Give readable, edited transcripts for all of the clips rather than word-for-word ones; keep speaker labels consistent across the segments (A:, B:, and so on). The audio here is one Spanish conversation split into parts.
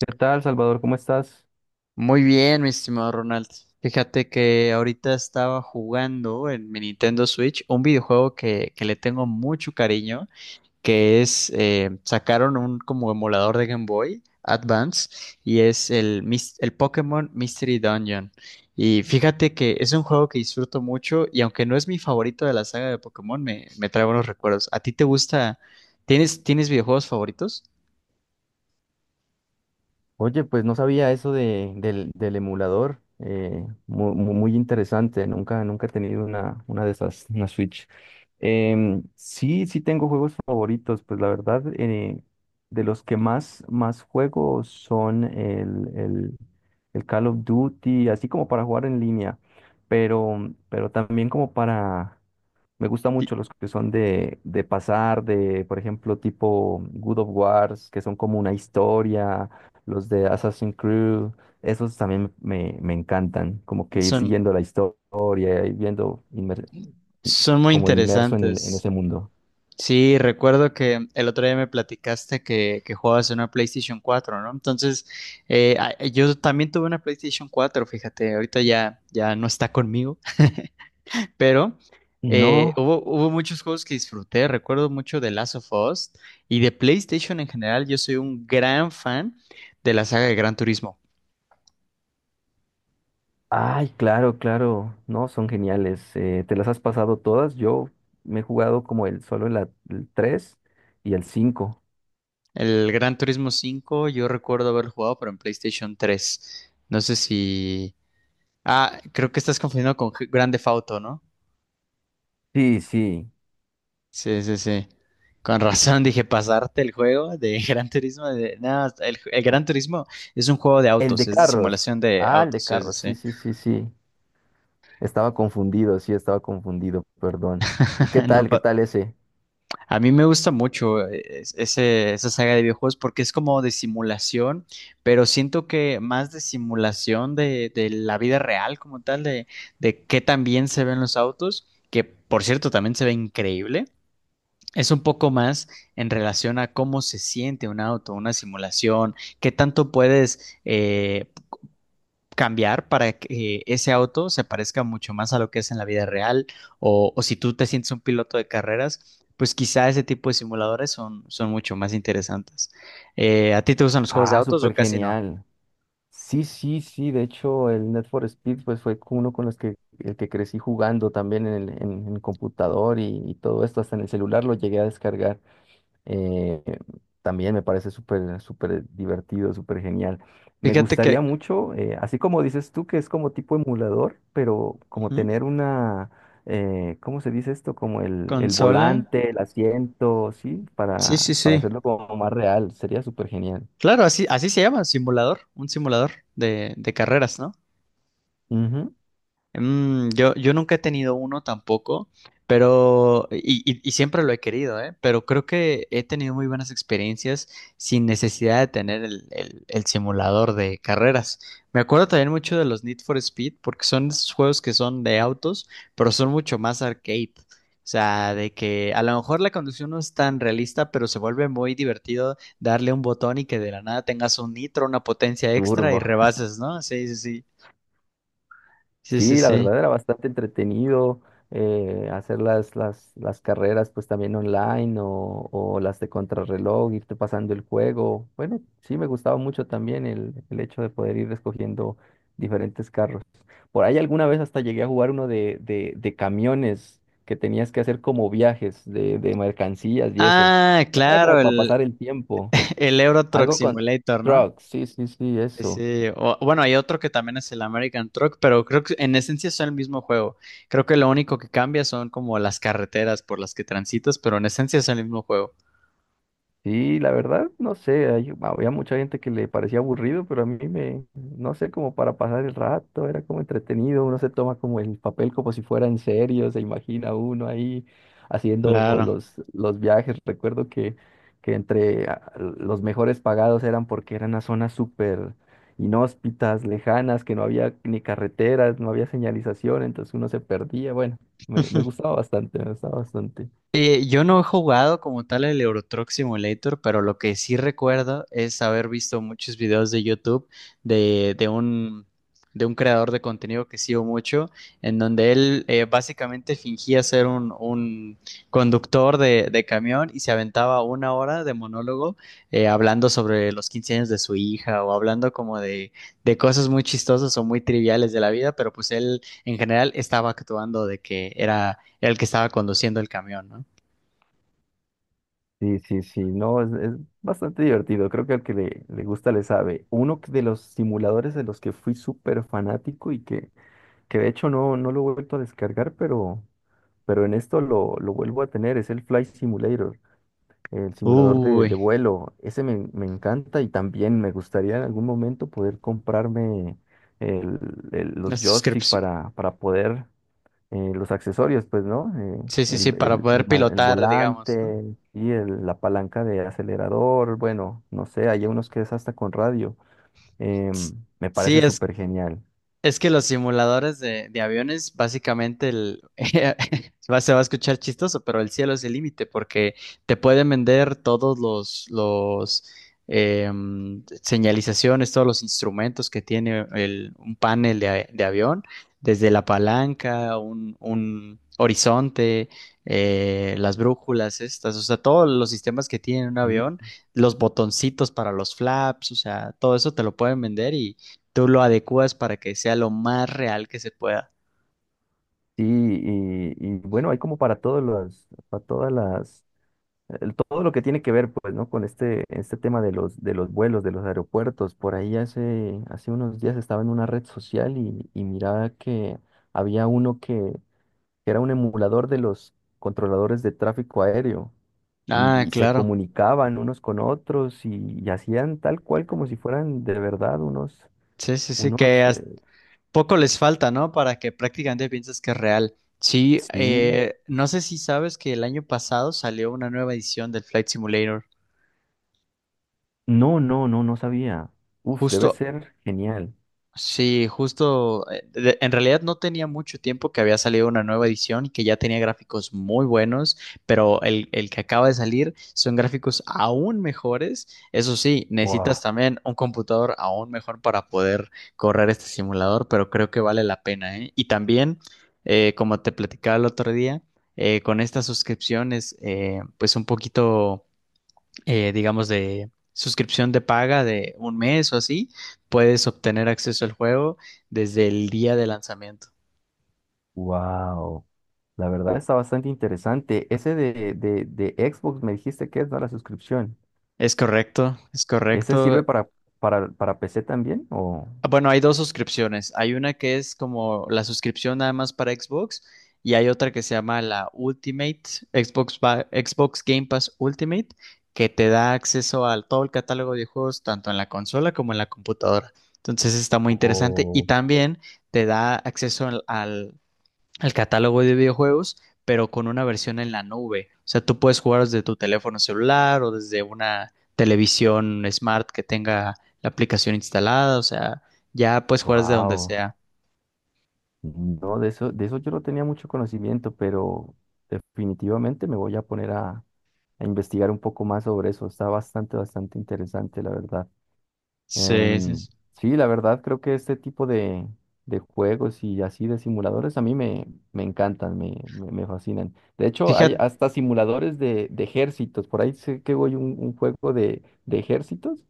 A: ¿Qué tal, Salvador? ¿Cómo estás?
B: Muy bien, mi estimado Ronald. Fíjate que ahorita estaba jugando en mi Nintendo Switch un videojuego que le tengo mucho cariño, sacaron un como emulador de Game Boy Advance y es el Pokémon Mystery Dungeon. Y fíjate que es un juego que disfruto mucho y aunque no es mi favorito de la saga de Pokémon, me trae buenos recuerdos. ¿A ti te gusta? ¿Tienes videojuegos favoritos?
A: Oye, pues no sabía eso del emulador. Muy interesante. Nunca he tenido una de esas, una Switch. Sí, sí tengo juegos favoritos. Pues la verdad, de los que más juego son el Call of Duty, así como para jugar en línea, pero también como para... Me gustan
B: Ti-
A: mucho los que son de pasar, de, por ejemplo, tipo Good of Wars, que son como una historia, los de Assassin's Creed. Esos también me encantan, como que ir
B: Son,
A: siguiendo la historia, ir viendo i-
B: son muy
A: como inmerso en
B: interesantes.
A: ese mundo.
B: Sí, recuerdo que el otro día me platicaste que jugabas en una PlayStation 4, ¿no? Entonces, yo también tuve una PlayStation 4. Fíjate, ahorita ya no está conmigo, pero
A: No,
B: hubo muchos juegos que disfruté, recuerdo mucho de Last of Us y de PlayStation en general. Yo soy un gran fan de la saga de Gran Turismo.
A: ay, claro, claro, no, son geniales. ¿Te las has pasado todas? Yo me he jugado como el solo el 3 y el 5.
B: El Gran Turismo 5, yo recuerdo haber jugado, pero en PlayStation 3. No sé si. Ah, creo que estás confundiendo con Grand Theft Auto, ¿no?
A: Sí, sí.
B: Sí, sí, sí. Con razón dije, pasarte el juego de Gran Turismo. No, el Gran Turismo es un juego de
A: El
B: autos,
A: de
B: es de
A: carros.
B: simulación de
A: Ah, el de
B: autos, sí, sí,
A: carros. Sí,
B: sí.
A: sí, sí, sí. Estaba confundido, sí, estaba confundido, perdón. ¿Y qué
B: No,
A: tal? ¿Qué tal ese?
B: a mí me gusta mucho esa saga de videojuegos porque es como de simulación, pero siento que más de simulación de la vida real como tal, de qué tan bien se ven los autos, que por cierto también se ve increíble. Es un poco más en relación a cómo se siente un auto, una simulación, qué tanto puedes cambiar para que ese auto se parezca mucho más a lo que es en la vida real, o si tú te sientes un piloto de carreras, pues quizá ese tipo de simuladores son mucho más interesantes. ¿A ti te gustan los juegos de
A: Ah,
B: autos o
A: súper
B: casi no?
A: genial. Sí, sí, sí. De hecho, el Net for Speed pues fue con uno con los que el que crecí jugando también en el, en computador, y todo esto, hasta en el celular lo llegué a descargar. Eh, También me parece súper, súper divertido, súper genial. Me
B: Fíjate
A: gustaría
B: que.
A: mucho, así como dices tú, que es como tipo emulador, pero como
B: Ujú.
A: tener una, ¿cómo se dice esto? Como el
B: Consola.
A: volante, el asiento, ¿sí?
B: Sí,
A: Para,
B: sí,
A: para
B: sí.
A: hacerlo como más real. Sería súper genial.
B: Claro, así se llama, simulador, un simulador de carreras, ¿no?
A: Ujú.
B: Yo nunca he tenido uno tampoco, pero, y siempre lo he querido, ¿eh? Pero creo que he tenido muy buenas experiencias sin necesidad de tener el simulador de carreras. Me acuerdo también mucho de los Need for Speed, porque son esos juegos que son de autos, pero son mucho más arcade. O sea, de que a lo mejor la conducción no es tan realista, pero se vuelve muy divertido darle un botón y que de la nada tengas un nitro, una potencia extra y
A: Turbo.
B: rebases, ¿no? Sí, sí, sí. Sí, sí,
A: Sí, la
B: sí.
A: verdad era bastante entretenido, hacer las carreras pues también online o las de contrarreloj, irte pasando el juego. Bueno, sí me gustaba mucho también el hecho de poder ir escogiendo diferentes carros. Por ahí alguna vez hasta llegué a jugar uno de camiones que tenías que hacer como viajes de mercancías y eso.
B: Ah,
A: Era como
B: claro,
A: para
B: el,
A: pasar el tiempo.
B: el Euro Truck
A: Algo con
B: Simulator, ¿no?
A: trucks, sí, sí, sí,
B: Sí,
A: eso.
B: sí. Bueno, hay otro que también es el American Truck, pero creo que en esencia son el mismo juego. Creo que lo único que cambia son como las carreteras por las que transitas, pero en esencia es el mismo juego.
A: Sí, la verdad, no sé, había mucha gente que le parecía aburrido, pero a mí me, no sé, como para pasar el rato, era como entretenido. Uno se toma como el papel como si fuera en serio, se imagina uno ahí haciendo
B: Claro.
A: los viajes. Recuerdo que entre los mejores pagados eran porque eran a zonas súper inhóspitas, lejanas, que no había ni carreteras, no había señalización, entonces uno se perdía. Bueno, me gustaba bastante, me gustaba bastante.
B: Yo no he jugado como tal el Euro Truck Simulator, pero lo que sí recuerdo es haber visto muchos videos de YouTube de, de un, de un creador de contenido que sigo mucho, en donde él básicamente fingía ser un conductor de camión y se aventaba una hora de monólogo hablando sobre los 15 años de su hija o hablando como de cosas muy chistosas o muy triviales de la vida, pero pues él en general estaba actuando de que era el que estaba conduciendo el camión, ¿no?
A: Sí, sí, sí, no, es bastante divertido. Creo que al que le gusta le sabe. Uno de los simuladores de los que fui súper fanático y que de hecho no lo he vuelto a descargar, pero en esto lo vuelvo a tener, es el Flight Simulator, el simulador de,
B: Uy,
A: de vuelo. Ese me encanta, y también me gustaría en algún momento poder comprarme el-
B: la
A: los joystick
B: suscripción.
A: para poder, los accesorios, pues, ¿no? Eh,
B: Sí, sí,
A: el,
B: sí, para
A: el-
B: poder
A: el ma- el
B: pilotar, digamos, ¿no?
A: volante y la palanca de acelerador. Bueno, no sé, hay unos que es hasta con radio.
B: S-
A: Me
B: Sí,
A: parece súper genial.
B: Es que los simuladores de aviones, básicamente, se va a escuchar chistoso, pero el cielo es el límite porque te pueden vender todos los señalizaciones, todos los instrumentos que tiene un panel de avión, desde la palanca, un horizonte, las brújulas estas, o sea, todos los sistemas que tiene un
A: Y,
B: avión, los botoncitos para los flaps, o sea, todo eso te lo pueden vender, tú lo adecuas para que sea lo más real que se pueda.
A: sí, y bueno, hay como para todos los, para todas las, todo lo que tiene que ver, pues, ¿no? Con este tema de los vuelos, de los aeropuertos. Por ahí hace unos días estaba en una red social y miraba que había uno que era un emulador de los controladores de tráfico aéreo,
B: Ah,
A: y se
B: claro.
A: comunicaban unos con otros y hacían tal cual como si fueran de verdad unos,
B: Sí, sí, sí,
A: unos,
B: que hasta
A: eh,
B: poco les falta, ¿no? Para que prácticamente pienses que es real. Sí,
A: sí.
B: no sé si sabes que el año pasado salió una nueva edición del Flight Simulator.
A: No, no, no, no sabía. Uf, debe
B: Justo
A: ser genial.
B: Sí, justo, en realidad no tenía mucho tiempo que había salido una nueva edición y que ya tenía gráficos muy buenos, pero el que acaba de salir son gráficos aún mejores. Eso sí, necesitas
A: Wow,
B: también un computador aún mejor para poder correr este simulador, pero creo que vale la pena, ¿eh? Y también, como te platicaba el otro día, con estas suscripciones, pues un poquito digamos, de suscripción de paga de un mes o así, puedes obtener acceso al juego desde el día de lanzamiento.
A: wow. La verdad está bastante interesante. Ese de Xbox me dijiste que es, ¿no? La suscripción.
B: Es correcto, es
A: ¿Ese
B: correcto.
A: sirve para, para PC también?
B: Ah, bueno, hay dos suscripciones. Hay una que es como la suscripción nada más para Xbox y hay otra que se llama la Ultimate, Xbox Game Pass Ultimate, que te da acceso a todo el catálogo de juegos, tanto en la consola como en la computadora. Entonces está muy interesante y
A: Oh,
B: también te da acceso al catálogo de videojuegos, pero con una versión en la nube. O sea, tú puedes jugar desde tu teléfono celular o desde una televisión smart que tenga la aplicación instalada. O sea, ya puedes jugar desde donde
A: wow.
B: sea.
A: No, de eso yo no tenía mucho conocimiento, pero definitivamente me voy a poner a investigar un poco más sobre eso. Está bastante, bastante interesante, la verdad.
B: Sí, sí,
A: Em,
B: sí.
A: sí, la verdad creo que este tipo de juegos y así de simuladores a mí me encantan, me fascinan. De hecho, hay
B: Fíjate.
A: hasta simuladores de ejércitos. Por ahí sé que voy un juego de ejércitos,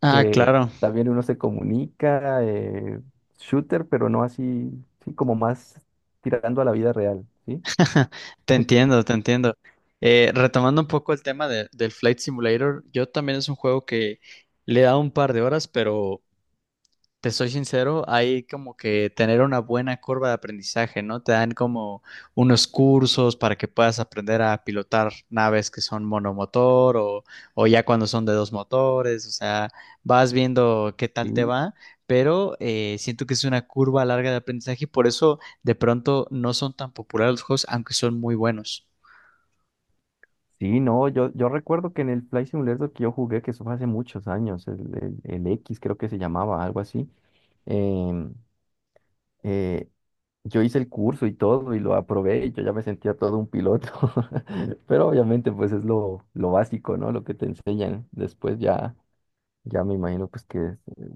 B: Ah,
A: que
B: claro.
A: también uno se comunica, shooter, pero no así, sí, como más tirando a la vida real, ¿sí?
B: Te entiendo, te entiendo. Retomando un poco el tema del Flight Simulator, yo también es un juego que le he dado un par de horas, Te soy sincero, hay como que tener una buena curva de aprendizaje, ¿no? Te dan como unos cursos para que puedas aprender a pilotar naves que son monomotor o ya cuando son de dos motores, o sea, vas viendo qué tal te
A: Sí,
B: va, pero siento que es una curva larga de aprendizaje y por eso de pronto no son tan populares los juegos, aunque son muy buenos.
A: sí, no, yo recuerdo que en el Flight Simulator que yo jugué, que eso fue hace muchos años, el X creo que se llamaba, algo así. em, eh, yo hice el curso y todo, y lo aprobé, y yo ya me sentía todo un piloto, pero obviamente pues es lo básico, ¿no? Lo que te enseñan después ya me imagino pues que es...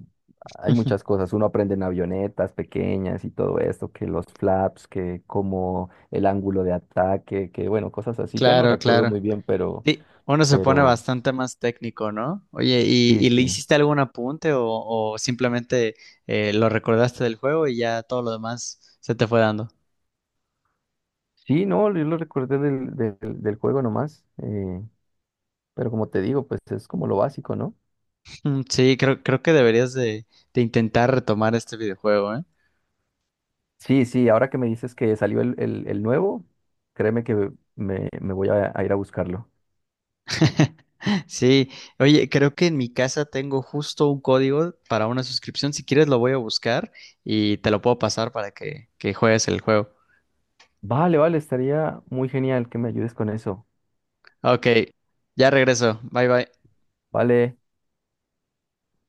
A: Hay muchas cosas, uno aprende en avionetas pequeñas y todo esto, que los flaps, que como el ángulo de ataque, que bueno, cosas así. Ya no
B: Claro,
A: recuerdo
B: claro.
A: muy bien, pero,
B: Sí, uno se pone
A: pero
B: bastante más técnico, ¿no? Oye, ¿y,
A: sí,
B: y le
A: sí.
B: hiciste algún apunte o simplemente lo recordaste del juego y ya todo lo demás se te fue dando?
A: Sí, no, yo lo recordé del juego nomás, pero como te digo, pues es como lo básico, ¿no?
B: Mm, sí, creo que deberías de, intentar retomar este videojuego, ¿eh?
A: Sí, sí, ahora que me dices que salió el nuevo, créeme que me voy a ir a buscarlo.
B: Sí, oye, creo que en mi casa tengo justo un código para una suscripción. Si quieres lo voy a buscar y te lo puedo pasar para que juegues el juego.
A: Vale, vale, estaría muy genial que me ayudes con eso.
B: Ok, ya regreso. Bye bye.
A: Vale.